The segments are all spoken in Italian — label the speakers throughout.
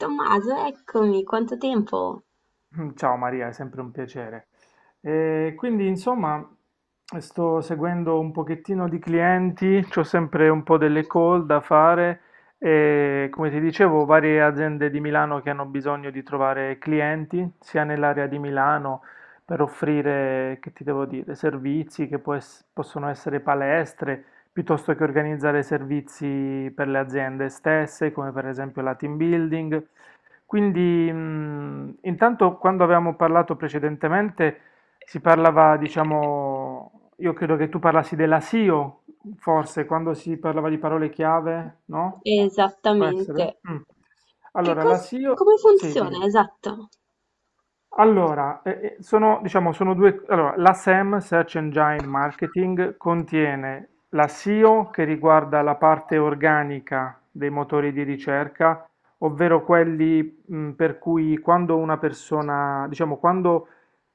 Speaker 1: Tommaso, eccomi, quanto tempo?
Speaker 2: Mm, ciao Maria, è sempre un piacere. E quindi insomma sto seguendo un pochettino di clienti, ho sempre un po' delle call da fare e come ti dicevo varie aziende di Milano che hanno bisogno di trovare clienti, sia nell'area di Milano per offrire, che ti devo dire, servizi che possono essere palestre, piuttosto che organizzare servizi per le aziende stesse, come per esempio la team building. Quindi, intanto quando avevamo parlato precedentemente si parlava, diciamo, io credo che tu parlassi della SEO, forse, quando si parlava di parole chiave, no? Può essere?
Speaker 1: Esattamente.
Speaker 2: Mm.
Speaker 1: Che
Speaker 2: Allora, la
Speaker 1: cosa,
Speaker 2: SEO,
Speaker 1: come
Speaker 2: sì,
Speaker 1: funziona?
Speaker 2: dimmi.
Speaker 1: Esatto.
Speaker 2: Allora, sono, diciamo, sono due, allora, la SEM, Search Engine Marketing, contiene la SEO che riguarda la parte organica dei motori di ricerca, ovvero quelli, per cui quando una persona, diciamo, quando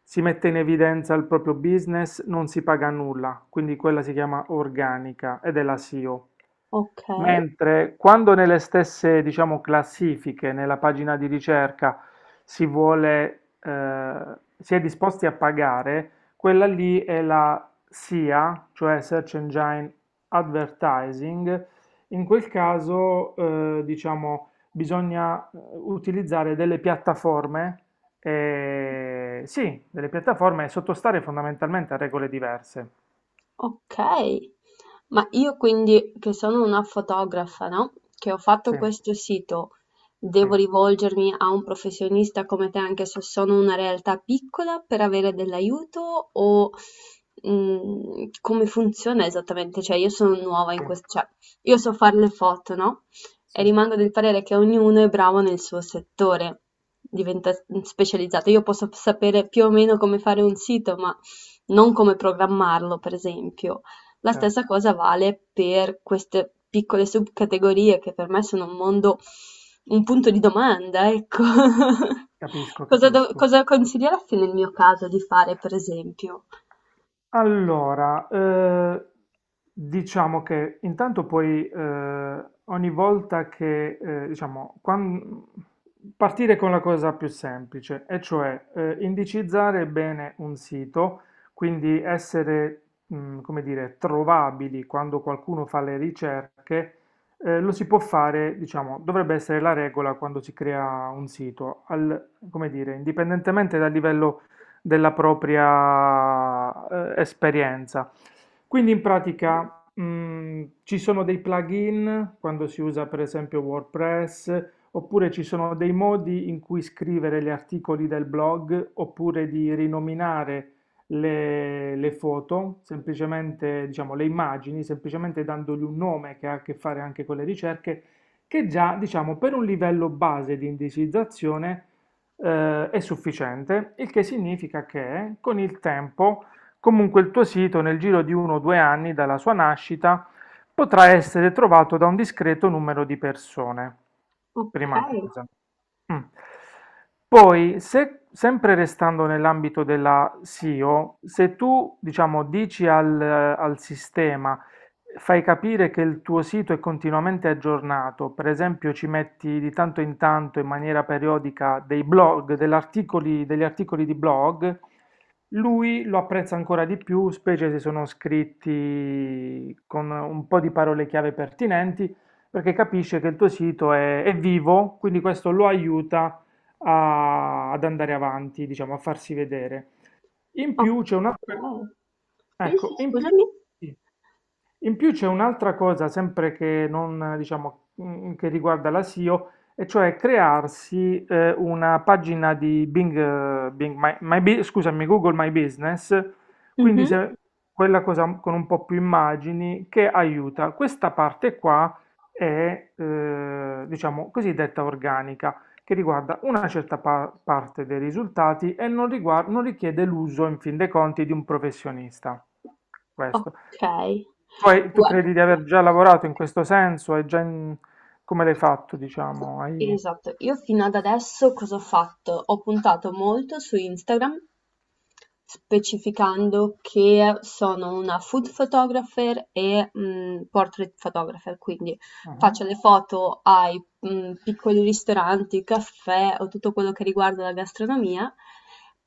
Speaker 2: si mette in evidenza il proprio business, non si paga nulla, quindi quella si chiama organica ed è la SEO.
Speaker 1: Ok.
Speaker 2: Mentre quando nelle stesse, diciamo, classifiche, nella pagina di ricerca, si vuole, si è disposti a pagare, quella lì è la SEA, cioè Search Engine Advertising. In quel caso, diciamo, bisogna utilizzare delle piattaforme sì, delle piattaforme e sottostare fondamentalmente a regole diverse.
Speaker 1: Okay. Ma io quindi che sono una fotografa, no, che ho fatto
Speaker 2: Sì,
Speaker 1: questo sito,
Speaker 2: sì,
Speaker 1: devo rivolgermi a un professionista come te anche se sono una realtà piccola per avere dell'aiuto o come funziona esattamente? Cioè io sono nuova in
Speaker 2: sì,
Speaker 1: questo, cioè io so fare le foto, no? E
Speaker 2: sì,
Speaker 1: rimango del parere che ognuno è bravo nel suo settore, diventa specializzato. Io posso sapere più o meno come fare un sito, ma non come programmarlo, per esempio. La stessa
Speaker 2: certo,
Speaker 1: cosa vale per queste piccole subcategorie che per me sono un mondo, un punto di domanda, ecco.
Speaker 2: capisco,
Speaker 1: Cosa,
Speaker 2: capisco.
Speaker 1: cosa consiglieresti nel mio caso di fare, per esempio?
Speaker 2: Allora, diciamo che intanto poi ogni volta che, diciamo, partire con la cosa più semplice, e cioè indicizzare bene un sito, quindi essere, come dire, trovabili quando qualcuno fa le ricerche, lo si può fare, diciamo, dovrebbe essere la regola quando si crea un sito, al, come dire, indipendentemente dal livello della propria esperienza. Quindi in pratica ci sono dei plugin quando si usa per esempio WordPress, oppure ci sono dei modi in cui scrivere gli articoli del blog, oppure di rinominare le foto, semplicemente diciamo le immagini, semplicemente dandogli un nome che ha a che fare anche con le ricerche, che già diciamo per un livello base di indicizzazione è sufficiente, il che significa che con il tempo comunque il tuo sito nel giro di 1 o 2 anni dalla sua nascita potrà essere trovato da un discreto numero di persone.
Speaker 1: Ok,
Speaker 2: Prima cosa. Mm. Poi, se, sempre restando nell'ambito della SEO, se tu, diciamo, dici al, al sistema, fai capire che il tuo sito è continuamente aggiornato, per esempio ci metti di tanto in tanto in maniera periodica dei blog, degli articoli di blog, lui lo apprezza ancora di più, specie se sono scritti con un po' di parole chiave pertinenti perché capisce che il tuo sito è vivo, quindi questo lo aiuta ad andare avanti, diciamo, a farsi vedere. In
Speaker 1: ok.
Speaker 2: più c'è un'altra.
Speaker 1: Sì, sì,
Speaker 2: Ecco, in più.
Speaker 1: scusami.
Speaker 2: Sì. In più c'è un'altra cosa, sempre che, non, diciamo, che riguarda la SEO, e O, e cioè crearsi una pagina di Bing, scusami, Google My Business, quindi
Speaker 1: Mhm,
Speaker 2: quella cosa con un po' più immagini che aiuta. Questa parte qua è, diciamo, cosiddetta organica, che riguarda una certa parte dei risultati e non richiede l'uso, in fin dei conti, di un professionista. Questo.
Speaker 1: ok.
Speaker 2: Poi tu
Speaker 1: Guarda.
Speaker 2: credi di aver già lavorato in questo senso? Hai già in-. Come l'hai fatto, diciamo? Hai.
Speaker 1: Esatto, io fino ad adesso cosa ho fatto? Ho puntato molto su Instagram, specificando che sono una food photographer e portrait photographer, quindi
Speaker 2: Ah,
Speaker 1: faccio le foto ai piccoli ristoranti, caffè o tutto quello che riguarda la gastronomia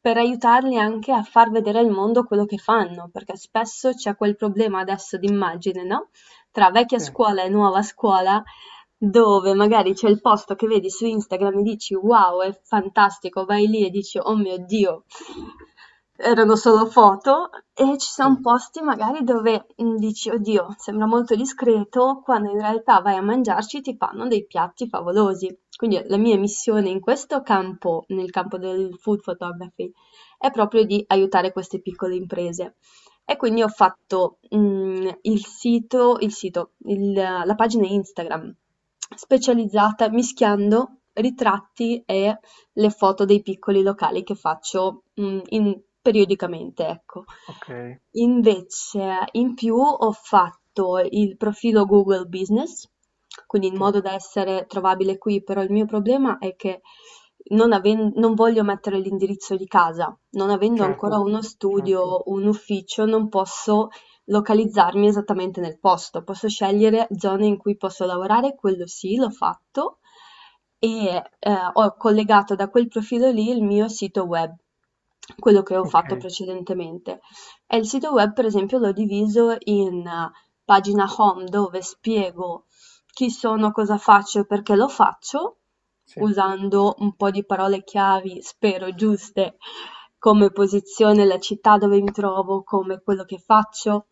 Speaker 1: per aiutarli anche a far vedere al mondo quello che fanno, perché spesso c'è quel problema adesso di immagine, no? Tra vecchia
Speaker 2: sì,
Speaker 1: scuola e nuova scuola dove magari c'è il posto che vedi su Instagram e dici wow, è fantastico, vai lì e dici oh mio Dio, erano
Speaker 2: sì,
Speaker 1: solo foto, e ci sono
Speaker 2: sì,
Speaker 1: posti magari dove dici oddio, sembra molto discreto, quando in realtà vai a mangiarci ti fanno dei piatti favolosi. Quindi la mia missione in questo campo, nel campo del food photography, è proprio di aiutare queste piccole imprese. E quindi ho fatto il sito, la pagina Instagram specializzata mischiando ritratti e le foto dei piccoli locali che faccio, in periodicamente, ecco.
Speaker 2: ok,
Speaker 1: Invece, in più ho fatto il profilo Google Business, quindi in modo da
Speaker 2: certo,
Speaker 1: essere trovabile qui, però il mio problema è che non voglio mettere l'indirizzo di casa, non avendo ancora
Speaker 2: certo,
Speaker 1: uno
Speaker 2: certo,
Speaker 1: studio, un ufficio, non posso localizzarmi esattamente nel posto, posso scegliere zone in cui posso lavorare, quello sì, l'ho fatto e ho collegato da quel profilo lì il mio sito web, quello che ho
Speaker 2: ok,
Speaker 1: fatto precedentemente. E il sito web, per esempio, l'ho diviso in pagina home dove spiego chi sono, cosa faccio e perché lo faccio,
Speaker 2: sì,
Speaker 1: usando un po' di parole chiavi, spero giuste, come posizione, la città dove mi trovo, come quello che faccio.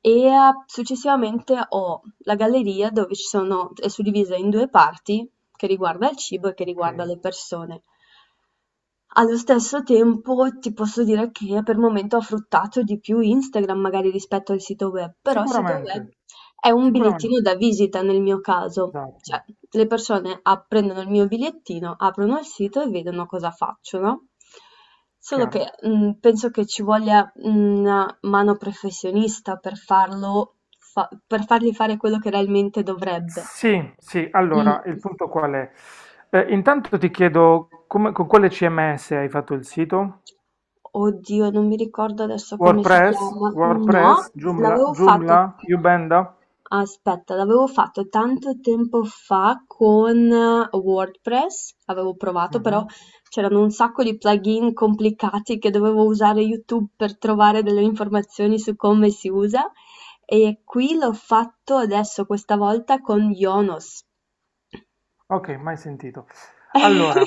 Speaker 1: E successivamente ho la galleria dove ci sono, è suddivisa in due parti, che riguarda il cibo e che
Speaker 2: ok.
Speaker 1: riguarda le persone. Allo stesso tempo ti posso dire che per il momento ho fruttato di più Instagram magari rispetto al sito web, però il sito web
Speaker 2: Sicuramente,
Speaker 1: è un bigliettino
Speaker 2: sicuramente,
Speaker 1: da visita nel mio caso,
Speaker 2: esatto,
Speaker 1: cioè le persone prendono il mio bigliettino, aprono il sito e vedono cosa faccio, no? Solo
Speaker 2: chiaro.
Speaker 1: che penso che ci voglia una mano professionista per farlo, per fargli fare quello che realmente dovrebbe.
Speaker 2: Sì, sì, allora,
Speaker 1: Mm.
Speaker 2: il punto qual è? Intanto ti chiedo con quale CMS hai fatto il sito?
Speaker 1: Oddio, non mi ricordo adesso come si
Speaker 2: WordPress,
Speaker 1: chiama. No,
Speaker 2: WordPress, Joomla,
Speaker 1: l'avevo
Speaker 2: Joomla,
Speaker 1: fatto.
Speaker 2: Ubanda?
Speaker 1: Aspetta, l'avevo fatto tanto tempo fa con WordPress, avevo provato, però
Speaker 2: Mhm.
Speaker 1: c'erano un sacco di plugin complicati che dovevo usare YouTube per trovare delle informazioni su come si usa. E qui l'ho fatto adesso, questa volta con Yonos.
Speaker 2: Ok, mai sentito. Allora,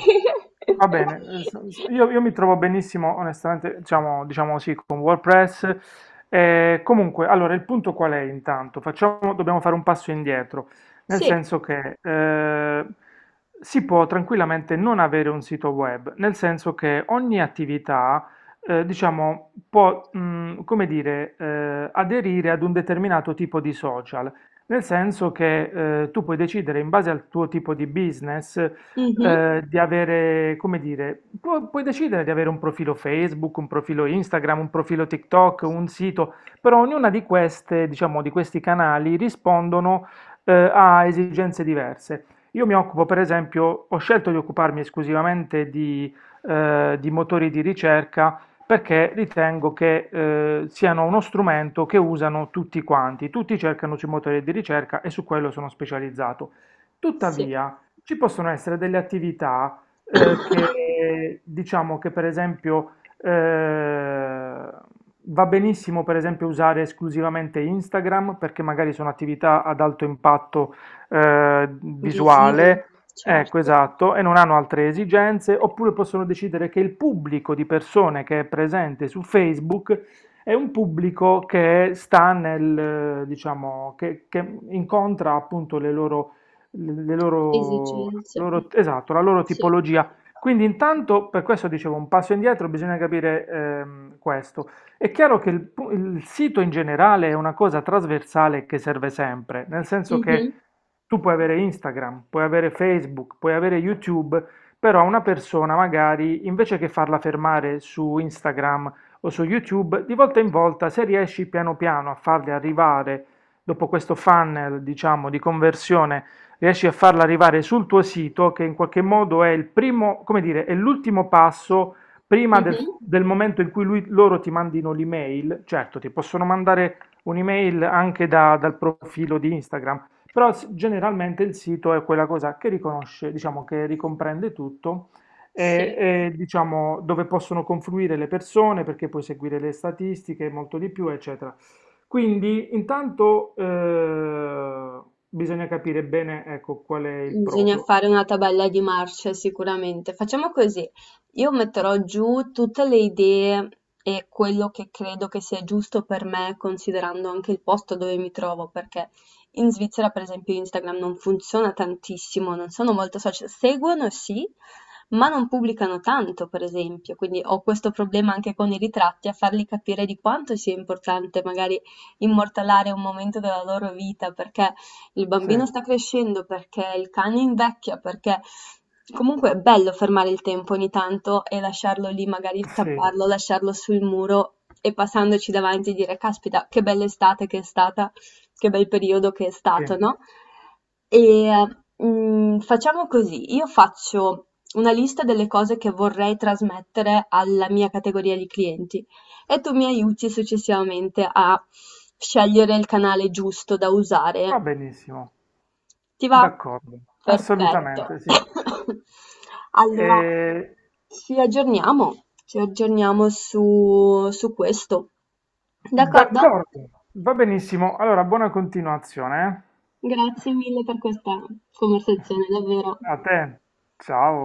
Speaker 2: va bene, io, io mi trovo benissimo, onestamente, diciamo, diciamo sì, con WordPress. Comunque, allora, il punto qual è intanto? Facciamo, dobbiamo fare un passo indietro, nel
Speaker 1: Sì,
Speaker 2: senso che si può tranquillamente non avere un sito web, nel senso che ogni attività, diciamo, può, come dire, aderire ad un determinato tipo di social, nel senso che tu puoi decidere in base al tuo tipo di business
Speaker 1: mhm,
Speaker 2: di avere, come dire, puoi decidere di avere un profilo Facebook, un profilo Instagram, un profilo TikTok, un sito, però ognuna di queste, diciamo, di questi canali rispondono, a esigenze diverse. Io mi occupo, per esempio, ho scelto di occuparmi esclusivamente di motori di ricerca perché ritengo che siano uno strumento che usano tutti quanti, tutti cercano sui motori di ricerca e su quello sono specializzato.
Speaker 1: sì.
Speaker 2: Tuttavia, ci possono essere delle attività che diciamo che per esempio eh, va benissimo per esempio usare esclusivamente Instagram perché magari sono attività ad alto impatto
Speaker 1: Visivo,
Speaker 2: visuale, ecco
Speaker 1: certo.
Speaker 2: esatto, e non hanno altre esigenze, oppure possono decidere che il pubblico di persone che è presente su Facebook è un pubblico che sta nel, diciamo, che incontra appunto le loro le loro,
Speaker 1: Esigenze,
Speaker 2: esatto, la loro
Speaker 1: sì.
Speaker 2: tipologia. Quindi intanto, per questo dicevo, un passo indietro, bisogna capire questo. È chiaro che il, il sito in generale è una cosa trasversale che serve sempre, nel senso
Speaker 1: Mh-mh.
Speaker 2: che tu puoi avere Instagram, puoi avere Facebook, puoi avere YouTube, però una persona magari, invece che farla fermare su Instagram o su YouTube, di volta in volta, se riesci piano piano a farli arrivare dopo questo funnel, diciamo, di conversione, riesci a farla arrivare sul tuo sito, che in qualche modo è il primo, come dire, è l'ultimo passo prima del,
Speaker 1: Mh-mh.
Speaker 2: del momento in cui loro ti mandino l'email. Certo, ti possono mandare un'email anche dal profilo di Instagram, però generalmente il sito è quella cosa che riconosce, diciamo, che ricomprende tutto. E,
Speaker 1: Sì.
Speaker 2: e, diciamo dove possono confluire le persone perché puoi seguire le statistiche, molto di più, eccetera. Quindi intanto bisogna capire bene ecco, qual è il
Speaker 1: Bisogna
Speaker 2: proprio.
Speaker 1: fare una tabella di marce sicuramente. Facciamo così, io metterò giù tutte le idee e quello che credo che sia giusto per me, considerando anche il posto dove mi trovo, perché in Svizzera, per esempio, Instagram non funziona tantissimo, non sono molto social, seguono sì, ma non pubblicano tanto, per esempio, quindi ho questo problema anche con i ritratti, a farli capire di quanto sia importante magari immortalare un momento della loro vita, perché il
Speaker 2: Sì,
Speaker 1: bambino sta crescendo, perché il cane invecchia, perché comunque è bello fermare il tempo ogni tanto e lasciarlo lì, magari
Speaker 2: sì,
Speaker 1: stamparlo, lasciarlo sul muro e passandoci davanti dire, caspita, che bella estate che è stata, che bel periodo che è
Speaker 2: sì,
Speaker 1: stato, no? E facciamo così, io faccio una lista delle cose che vorrei trasmettere alla mia categoria di clienti e tu mi aiuti successivamente a scegliere il canale giusto da
Speaker 2: va
Speaker 1: usare
Speaker 2: benissimo,
Speaker 1: ti va?
Speaker 2: d'accordo,
Speaker 1: Perfetto.
Speaker 2: assolutamente sì.
Speaker 1: Allora,
Speaker 2: Eh,
Speaker 1: ci aggiorniamo su questo. D'accordo?
Speaker 2: d'accordo, va benissimo. Allora, buona continuazione. eh.
Speaker 1: Grazie mille per questa conversazione, davvero.
Speaker 2: A te, ciao.